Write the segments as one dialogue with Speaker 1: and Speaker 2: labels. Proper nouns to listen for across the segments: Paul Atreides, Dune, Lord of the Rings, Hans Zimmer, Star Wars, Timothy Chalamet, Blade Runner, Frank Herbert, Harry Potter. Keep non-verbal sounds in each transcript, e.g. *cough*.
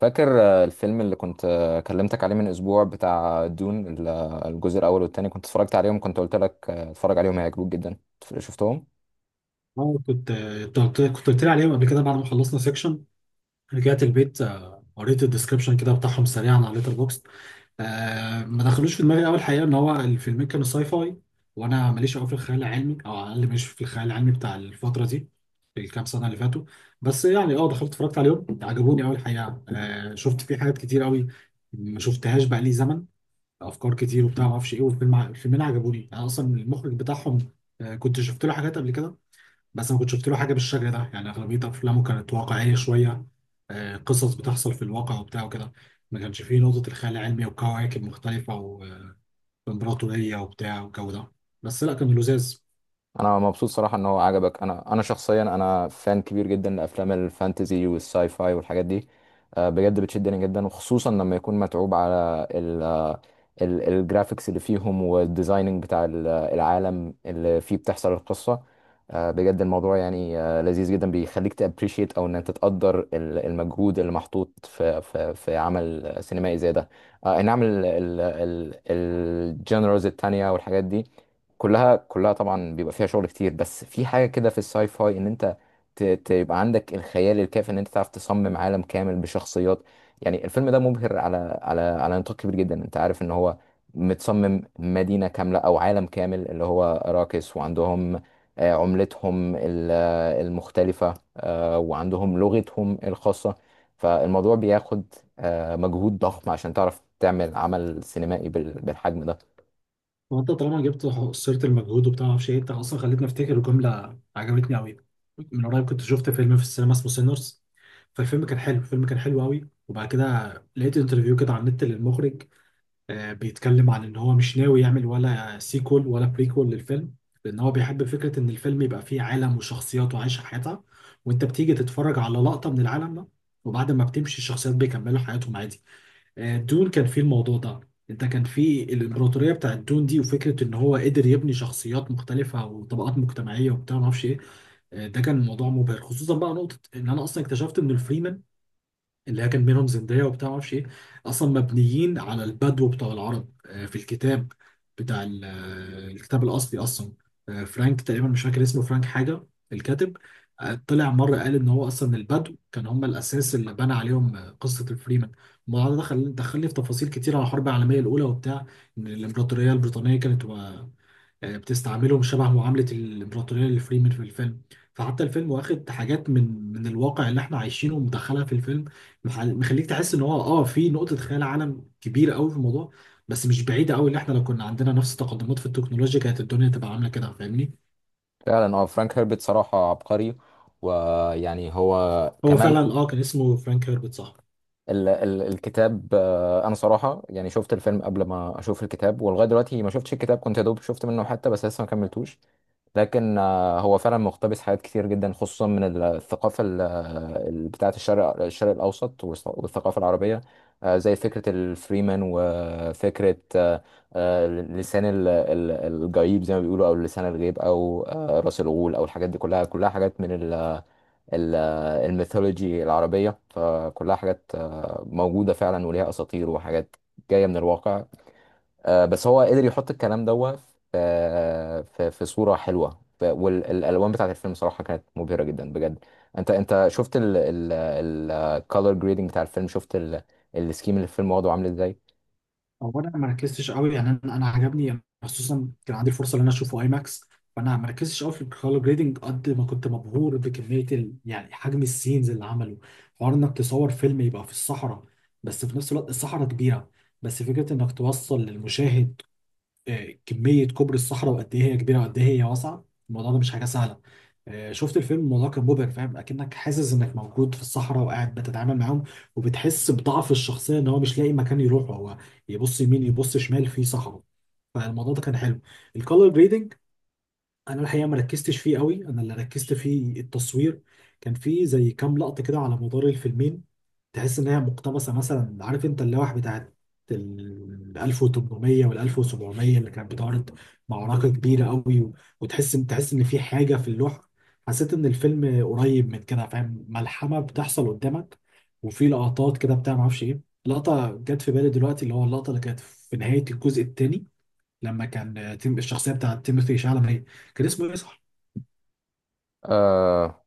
Speaker 1: فاكر الفيلم اللي كنت كلمتك عليه من اسبوع بتاع دون الجزء الاول والتاني كنت اتفرجت عليهم. كنت قلت لك اتفرج عليهم، هيعجبوك جدا. شفتهم؟
Speaker 2: اه، كنت قلت لي عليهم قبل كده بعد ما خلصنا سيكشن. رجعت البيت، قريت الديسكربشن كده بتاعهم سريعا على ليتر بوكس. ما دخلوش في دماغي اول، حقيقه ان هو الفيلمين كانوا ساي فاي، وانا ماليش قوي في الخيال العلمي، او على الاقل ماليش في الخيال العلمي بتاع الفتره دي، في الكام سنه اللي فاتوا. بس يعني دخلت اتفرجت عليهم، عجبوني قوي الحقيقه. شفت فيه حاجات كتير قوي ما شفتهاش بقى لي زمن، افكار كتير وبتاع ما اعرفش ايه. والفيلم الفيلمين عجبوني، انا اصلا المخرج بتاعهم كنت شفت له حاجات قبل كده، بس ما كنت شفت له حاجه بالشكل ده. يعني اغلبيه افلامه كانت واقعيه شويه، قصص بتحصل في الواقع وبتاع وكده، ما كانش فيه نقطه الخيال العلمي وكواكب مختلفه وامبراطوريه وبتاع والجو ده. بس لا، كان لذاذ.
Speaker 1: انا مبسوط صراحة ان هو عجبك. انا شخصيا انا فان كبير جدا لافلام الفانتزي والساي فاي والحاجات دي. بجد بتشدني جدا، وخصوصا لما يكون متعوب على الجرافيكس اللي فيهم والديزايننج بتاع العالم اللي فيه بتحصل القصة. بجد الموضوع يعني لذيذ جدا، بيخليك تابريشيت او ان انت تقدر المجهود اللي محطوط في عمل سينمائي زي ده. اي نعم. الجنرالز التانية والحاجات دي كلها طبعا بيبقى فيها شغل كتير، بس في حاجة كده في الساي فاي ان انت تبقى عندك الخيال الكافي ان انت تعرف تصمم عالم كامل بشخصيات. يعني الفيلم ده مبهر على نطاق كبير جدا. انت عارف ان هو متصمم مدينة كاملة او عالم كامل اللي هو اراكس، وعندهم عملتهم المختلفة، وعندهم لغتهم الخاصة. فالموضوع بياخد مجهود ضخم عشان تعرف تعمل عمل سينمائي بالحجم ده.
Speaker 2: وانت طالما جبت سيره المجهود وبتاع ما اعرفش ايه، انت اصلا خليتني افتكر جمله عجبتني قوي. من قريب كنت شفت فيلم في السينما اسمه سينرز، فالفيلم كان حلو، الفيلم كان حلو قوي. وبعد كده لقيت انترفيو كده على النت للمخرج، بيتكلم عن ان هو مش ناوي يعمل ولا سيكول ولا بريكول للفيلم، لان هو بيحب فكرة ان الفيلم يبقى فيه عالم وشخصيات وعايشة حياتها، وانت بتيجي تتفرج على لقطة من العالم ده، وبعد ما بتمشي الشخصيات بيكملوا حياتهم عادي. دون كان فيه الموضوع ده، انت كان فيه الامبراطورية بتاعت دون دي، وفكرة ان هو قدر يبني شخصيات مختلفة وطبقات مجتمعية وبتاع ما اعرفش ايه. ده كان موضوع مبهر، خصوصا بقى نقطة ان انا اصلا اكتشفت ان الفريمان اللي هي كان بينهم زندية وبتاع معرفش ايه، اصلا مبنيين على البدو بتاع العرب. في الكتاب بتاع الكتاب الاصلي اصلا، فرانك تقريبا، مش فاكر اسمه، فرانك حاجة، الكاتب طلع مرة قال ان هو اصلا البدو كان هم الاساس اللي بنى عليهم قصة الفريمان. الموضوع ده دخلني في تفاصيل كتير على الحرب العالمية الاولى وبتاع، ان الامبراطورية البريطانية كانت بتستعملهم شبه معاملة الإمبراطورية لفريمن في الفيلم. فحتى الفيلم واخد حاجات من الواقع اللي احنا عايشينه ومدخلها في الفيلم، مخليك تحس ان هو في نقطة خيال عالم كبيرة قوي في الموضوع، بس مش بعيدة قوي، اللي احنا لو كنا عندنا نفس التقدمات في التكنولوجيا كانت الدنيا تبقى عاملة كده، فاهمني؟
Speaker 1: فعلا اه، فرانك هيربت صراحة عبقري. ويعني هو
Speaker 2: هو
Speaker 1: كمان
Speaker 2: فعلا كان اسمه فرانك هيربت صح؟
Speaker 1: ال ال الكتاب، انا صراحة يعني شفت الفيلم قبل ما اشوف الكتاب، ولغاية دلوقتي ما شفتش الكتاب. كنت يا دوب شفت منه حتى، بس لسه ما كملتوش. لكن هو فعلا مقتبس حاجات كتير جدا، خصوصا من الثقافة بتاعة الشرق الاوسط والثقافة العربية. زي فكرة الفريمان، وفكرة لسان الجيب زي ما بيقولوا، او لسان الغيب، او راس الغول، او الحاجات دي كلها حاجات من ال- الميثولوجي العربية. فكلها حاجات موجودة فعلا، وليها أساطير وحاجات جاية من الواقع. بس هو قدر يحط الكلام دوت في صورة حلوة. والألوان بتاعت الفيلم صراحة كانت مبهرة جدا بجد. أنت شفت الكالر جريدنج بتاع الفيلم؟ شفت السكيم اللي الفيلم واخده عامل ازاي؟
Speaker 2: هو انا ما ركزتش قوي، يعني انا عجبني، يعني خصوصا كان عندي الفرصه ان انا اشوفه اي ماكس، فانا ما ركزتش قوي في الكولر جريدنج قد ما كنت مبهور بكميه يعني حجم السينز اللي عمله. حوار انك تصور فيلم يبقى في الصحراء، بس في نفس الوقت الصحراء كبيره، بس فكره انك توصل للمشاهد كمية كوبري الصحراء وقد إيه هي كبيرة وقد إيه هي واسعة، الموضوع ده مش حاجة سهلة. شفت الفيلم، الموضوع كان مبهر، فاهم أكنك حاسس إنك موجود في الصحراء وقاعد بتتعامل معاهم، وبتحس بضعف الشخصية إن هو مش لاقي مكان يروحه، هو يبص يمين يبص شمال في صحراء. فالموضوع ده كان حلو. الكولر جريدنج انا الحقيقه ما ركزتش فيه قوي، انا اللي ركزت فيه التصوير. كان فيه زي كام لقطه كده على مدار الفيلمين تحس ان هي مقتبسه، مثلا عارف انت اللوح بتاعت ال 1800 وال 1700 اللي كانت بتعرض معركه كبيره قوي، وتحس ان تحس ان في حاجه في اللوح، حسيت ان الفيلم قريب من كده، فاهم، ملحمه بتحصل قدامك. وفي لقطات كده بتاع ما اعرفش ايه، لقطه جت في بالي دلوقتي، اللي هو اللقطه اللي كانت في نهايه الجزء الثاني لما كان تيم الشخصيه بتاعت تيموثي شالامي هي، كان اسمه ايه صح؟
Speaker 1: أه.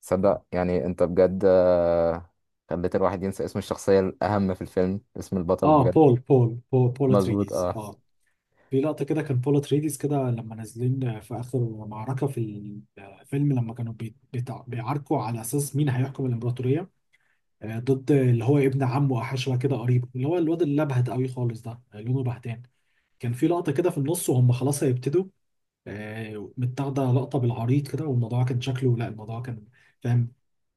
Speaker 1: صدق يعني أنت بجد خليت الواحد ينسى اسم الشخصية الأهم في الفيلم، اسم البطل
Speaker 2: اه،
Speaker 1: بجد.
Speaker 2: بول
Speaker 1: مظبوط
Speaker 2: اتريديز،
Speaker 1: اه.
Speaker 2: اه. في لقطه كده كان بول اتريديز كده لما نازلين في اخر معركه في الفيلم، لما كانوا بيعاركوا على اساس مين هيحكم الامبراطوريه، ضد اللي هو ابن عمه، احشوه كده قريب، اللي هو الواد اللي لبهت قوي خالص ده، لونه بهتان. كان في لقطه كده في النص وهم خلاص هيبتدوا، متاخده لقطه بالعريض كده، والموضوع كان شكله، لا الموضوع كان فاهم،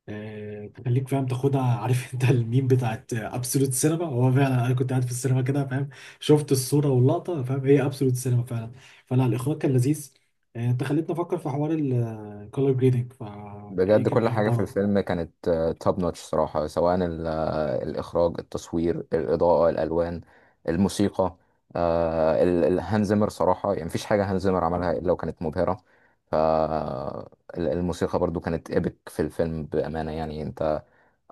Speaker 2: تخليك فاهم تاخدها. *laughs* عارف انت الميم بتاعت ابسولوت سينما، هو فعلا انا كنت قاعد في السينما كده فاهم، شفت الصوره واللقطه، فاهم هي ابسولوت سينما فعلا. فلا، الاخراج كان لذيذ. انت خليتني افكر في حوار الكولر جريدنج، فايه
Speaker 1: بجد
Speaker 2: كان
Speaker 1: كل
Speaker 2: ايه
Speaker 1: حاجة في
Speaker 2: اخباره؟
Speaker 1: الفيلم كانت توب نوتش صراحة، سواء الإخراج، التصوير، الإضاءة، الألوان، الموسيقى. هانز زيمر صراحة، يعني مفيش حاجة هانز زيمر عملها إلا وكانت مبهرة. فالموسيقى برضو كانت إيبك في الفيلم بأمانة. يعني أنت،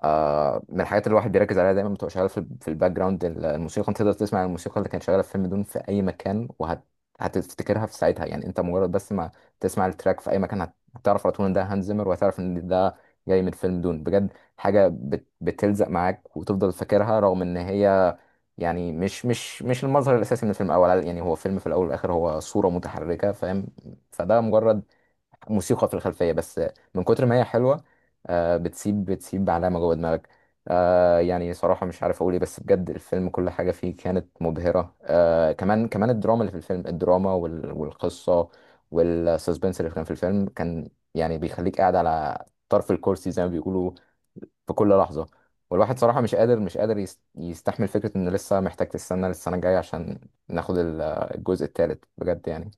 Speaker 1: آه، من الحاجات اللي الواحد بيركز عليها دايما بتبقى شغاله في في الباك جراوند، الموسيقى. انت تقدر تسمع الموسيقى اللي كانت شغاله في فيلم دون في اي مكان هتفتكرها في ساعتها. يعني انت مجرد بس ما تسمع التراك في اي مكان هتعرف على طول ان ده هانز زيمر، وهتعرف ان ده جاي من فيلم دون. بجد حاجه بتلزق معاك وتفضل فاكرها، رغم ان هي يعني مش المظهر الاساسي من الفيلم. الاول يعني هو فيلم في الاول والاخر، هو صوره متحركه فاهم. فده مجرد موسيقى في الخلفية بس، من كتر ما هي حلوة بتسيب علامة جوه دماغك. يعني صراحة مش عارف أقول إيه، بس بجد الفيلم كل حاجة فيه كانت مبهرة. كمان الدراما اللي في الفيلم، الدراما والقصة والسسبنس اللي كان في الفيلم، كان يعني بيخليك قاعد على طرف الكرسي زي ما بيقولوا في كل لحظة. والواحد صراحة مش قادر يستحمل فكرة إنه لسه محتاج تستنى للسنة الجاية عشان ناخد الجزء التالت بجد يعني.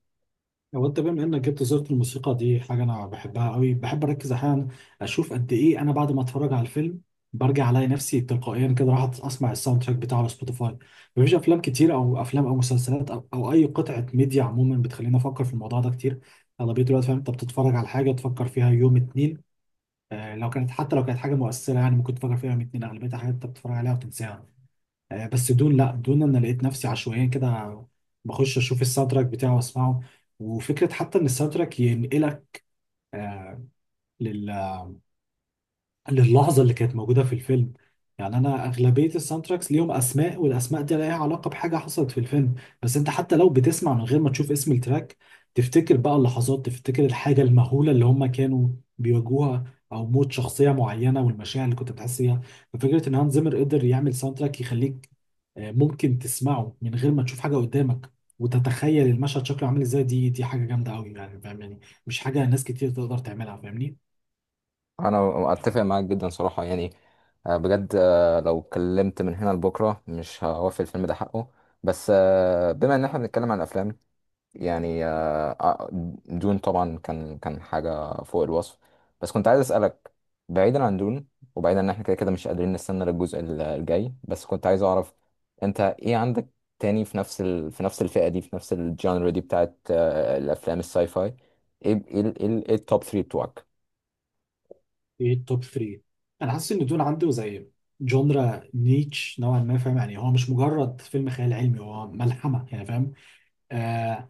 Speaker 2: هو انت بما انك جبت سيره الموسيقى دي، حاجه انا بحبها قوي، بحب اركز احيانا اشوف قد ايه انا بعد ما اتفرج على الفيلم برجع الاقي نفسي تلقائيا كده راح اسمع الساوند تراك بتاعه على سبوتيفاي. مفيش افلام كتير، او افلام او مسلسلات أو اي قطعه ميديا عموما بتخليني افكر في الموضوع ده كتير. اغلبيه الوقت فاهم انت بتتفرج على حاجه تفكر فيها يوم اتنين، لو كانت، حتى لو كانت حاجه مؤثره يعني ممكن تفكر فيها يوم اتنين، اغلبيه الحاجات انت بتتفرج عليها وتنساها. بس دون لا، دون انا لقيت نفسي عشوائيا كده بخش اشوف الساوند تراك بتاعه واسمعه. وفكره حتى ان الساوند تراك ينقلك للحظة اللي كانت موجودة في الفيلم. يعني أنا أغلبية الساوند تراكس ليهم أسماء، والأسماء دي لها علاقة بحاجة حصلت في الفيلم، بس أنت حتى لو بتسمع من غير ما تشوف اسم التراك تفتكر بقى اللحظات، تفتكر الحاجة المهولة اللي هم كانوا بيواجهوها، أو موت شخصية معينة والمشاعر اللي كنت بتحس بيها. ففكرة إن هانز زيمر قدر يعمل ساوند تراك يخليك ممكن تسمعه من غير ما تشوف حاجة قدامك وتتخيل المشهد شكله عامل ازاي، دي حاجة جامدة قوي يعني، فاهم يعني مش حاجة ناس كتير تقدر تعملها، فاهمني؟
Speaker 1: انا اتفق معاك جدا صراحه يعني. بجد، لو اتكلمت من هنا لبكره مش هوفي الفيلم ده حقه. بس بما ان احنا بنتكلم عن الافلام، يعني دون طبعا كان حاجه فوق الوصف، بس كنت عايز اسالك، بعيدا عن دون، وبعيدا ان احنا كده مش قادرين نستنى للجزء الجاي، بس كنت عايز اعرف انت ايه عندك تاني في نفس في نفس الفئه دي، في نفس الجانر دي بتاعت الافلام الساي فاي. ايه ايه ايه إيه التوب 3 بتوعك؟
Speaker 2: ايه التوب 3؟ انا حاسس ان دول عنده زي جونرا نيتش نوعا ما، فاهم يعني هو مش مجرد فيلم خيال علمي، هو ملحمه يعني، فاهم؟ آه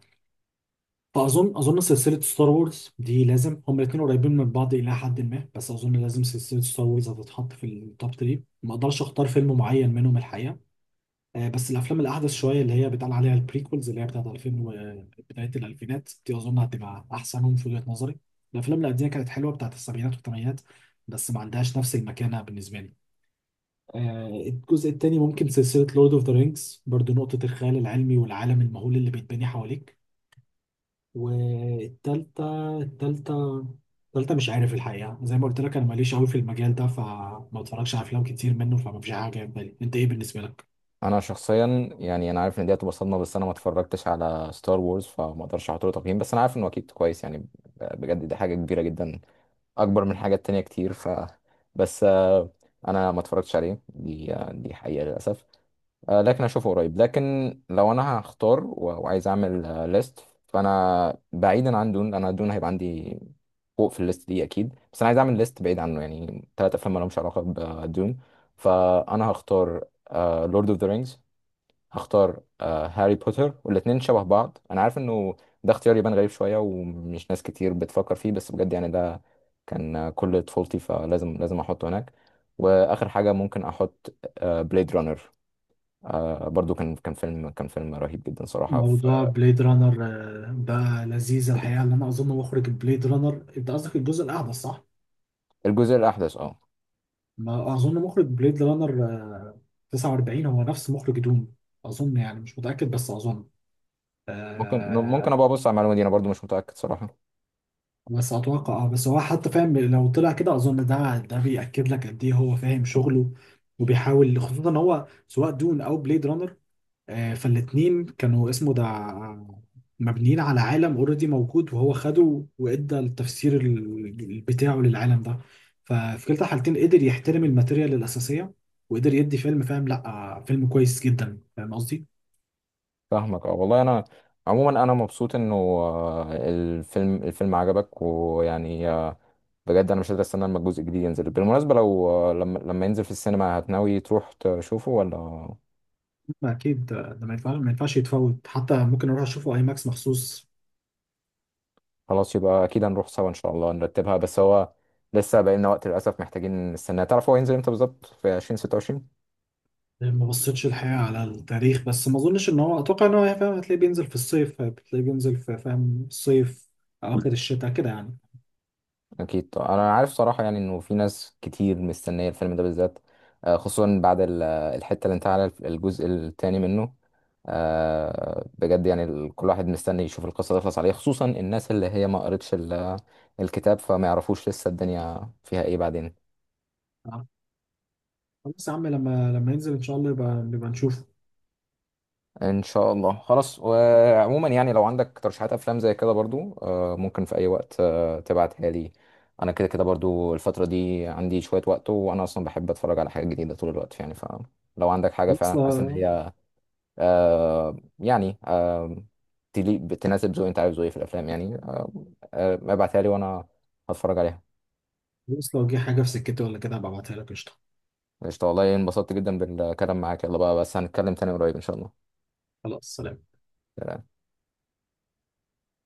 Speaker 2: فاظن، اظن سلسله ستار وورز دي لازم، هما الاثنين قريبين من بعض الى حد ما، بس اظن لازم سلسله ستار وورز هتتحط في التوب 3. ما اقدرش اختار فيلم معين منهم الحقيقه. بس الافلام الاحدث شويه اللي هي بيتقال عليها البريكولز اللي هي بتاعت 2000 وبدايه الالفينات دي اظن هتبقى احسنهم في وجهه نظري. الافلام القديمه كانت حلوه، بتاعت السبعينات والثمانينات، بس ما عندهاش نفس المكانه بالنسبه لي. الجزء الثاني ممكن سلسله لورد اوف ذا رينجز برضو، نقطه الخيال العلمي والعالم المهول اللي بيتبني حواليك. والتالتة، التالتة مش عارف الحقيقه، زي ما قلت لك انا ماليش قوي في المجال ده، فما اتفرجش على افلام كتير منه، فما فيش حاجه جاية في بالي. انت ايه بالنسبه لك؟
Speaker 1: انا شخصيا يعني انا عارف ان دي هتبقى صدمه، بس انا ما اتفرجتش على ستار وورز، فما اقدرش احط له تقييم. بس انا عارف انه اكيد كويس يعني، بجد دي حاجه كبيره جدا، اكبر من حاجات تانية كتير. ف، بس، انا ما اتفرجتش عليه دي، دي حقيقه للاسف. لكن اشوفه قريب. لكن لو انا هختار، وعايز اعمل ليست، فانا بعيدا عن دون. انا دون هيبقى عندي فوق في الليست دي اكيد، بس انا عايز اعمل ليست بعيد عنه، يعني ثلاث افلام ما لهمش علاقه بدون. فانا هختار لورد اوف ذا رينجز، هختار هاري بوتر، والاتنين شبه بعض. انا عارف انه ده اختيار يبان غريب شوية، ومش ناس كتير بتفكر فيه، بس بجد يعني ده كان كل طفولتي، فلازم احطه هناك. واخر حاجة ممكن احط، بليد رانر. برضو كان فيلم رهيب جدا صراحة، في
Speaker 2: موضوع بليد رانر بقى لذيذ الحقيقه. اللي انا اظن مخرج بليد رانر، انت قصدك الجزء الاحدث صح؟
Speaker 1: الجزء الاحدث اه.
Speaker 2: ما اظن مخرج بليد رانر 49 هو نفس مخرج دوم، اظن يعني، مش متاكد بس اظن.
Speaker 1: ممكن
Speaker 2: آه
Speaker 1: ابقى ابص على المعلومة دي، انا برضو مش متأكد صراحة.
Speaker 2: بس اتوقع، بس هو حتى فاهم، لو طلع كده اظن ده بياكد لك قد ايه هو فاهم شغله وبيحاول، خصوصا ان هو سواء دون او بليد رانر فالاتنين كانوا اسمه ده مبنيين على عالم اوريدي موجود، وهو خده وادى التفسير بتاعه للعالم ده. ففي كلتا الحالتين قدر يحترم الماتيريال الاساسيه وقدر يدي فيلم فاهم، لا فيلم كويس جدا، فاهم قصدي؟
Speaker 1: فاهمك اه. والله انا عموما انا مبسوط انه الفيلم عجبك. ويعني بجد انا مش قادر استنى لما الجزء الجديد ينزل. بالمناسبة لو، لما ينزل في السينما، هتناوي تروح تشوفه ولا؟
Speaker 2: لا، اكيد ده ما ينفعش، ما ينفعش يتفوت، حتى ممكن اروح اشوفه اي ماكس مخصوص.
Speaker 1: خلاص، يبقى اكيد هنروح سوا ان شاء الله، نرتبها. بس هو لسه بقى لنا وقت للاسف، محتاجين نستناه. تعرف هو ينزل امتى بالظبط؟ في 2026
Speaker 2: ما بصيتش الحقيقه على التاريخ، بس ما اظنش ان هو، اتوقع ان هو فاهم هتلاقيه بينزل في الصيف، هتلاقيه بينزل في فاهم الصيف، اواخر الشتاء كده يعني.
Speaker 1: اكيد طبعاً. انا عارف صراحة يعني انه في ناس كتير مستنية الفيلم ده بالذات، خصوصا بعد الحتة اللي انتهى على الجزء الثاني منه. بجد يعني، كل واحد مستني يشوف القصة تخلص عليه، خصوصا الناس اللي هي ما قرتش الكتاب، فما يعرفوش لسه الدنيا فيها ايه بعدين.
Speaker 2: خلاص يا عم، لما ينزل ان شاء الله يبقى نبقى نشوفه.
Speaker 1: ان شاء الله خلاص. وعموما يعني لو عندك ترشيحات افلام زي كده برضو، ممكن في اي وقت، تبعتها لي. انا كده كده برضو الفترة دي عندي شوية وقت، وانا اصلا بحب اتفرج على حاجة جديدة طول الوقت يعني، فلو عندك حاجة
Speaker 2: خلاص
Speaker 1: فعلا حاسس ان
Speaker 2: لو
Speaker 1: هي يعني تناسب ذوقي، انت عايز ذوقي في الافلام يعني ابعتها لي وانا هتفرج عليها.
Speaker 2: خلاص، لو جه حاجه في سكتي ولا كده هبقى ابعتها لك، قشطه.
Speaker 1: قشطة. والله انبسطت جدا بالكلام معاك، يلا بقى بس هنتكلم تاني قريب ان شاء الله.
Speaker 2: خلاص، سلام.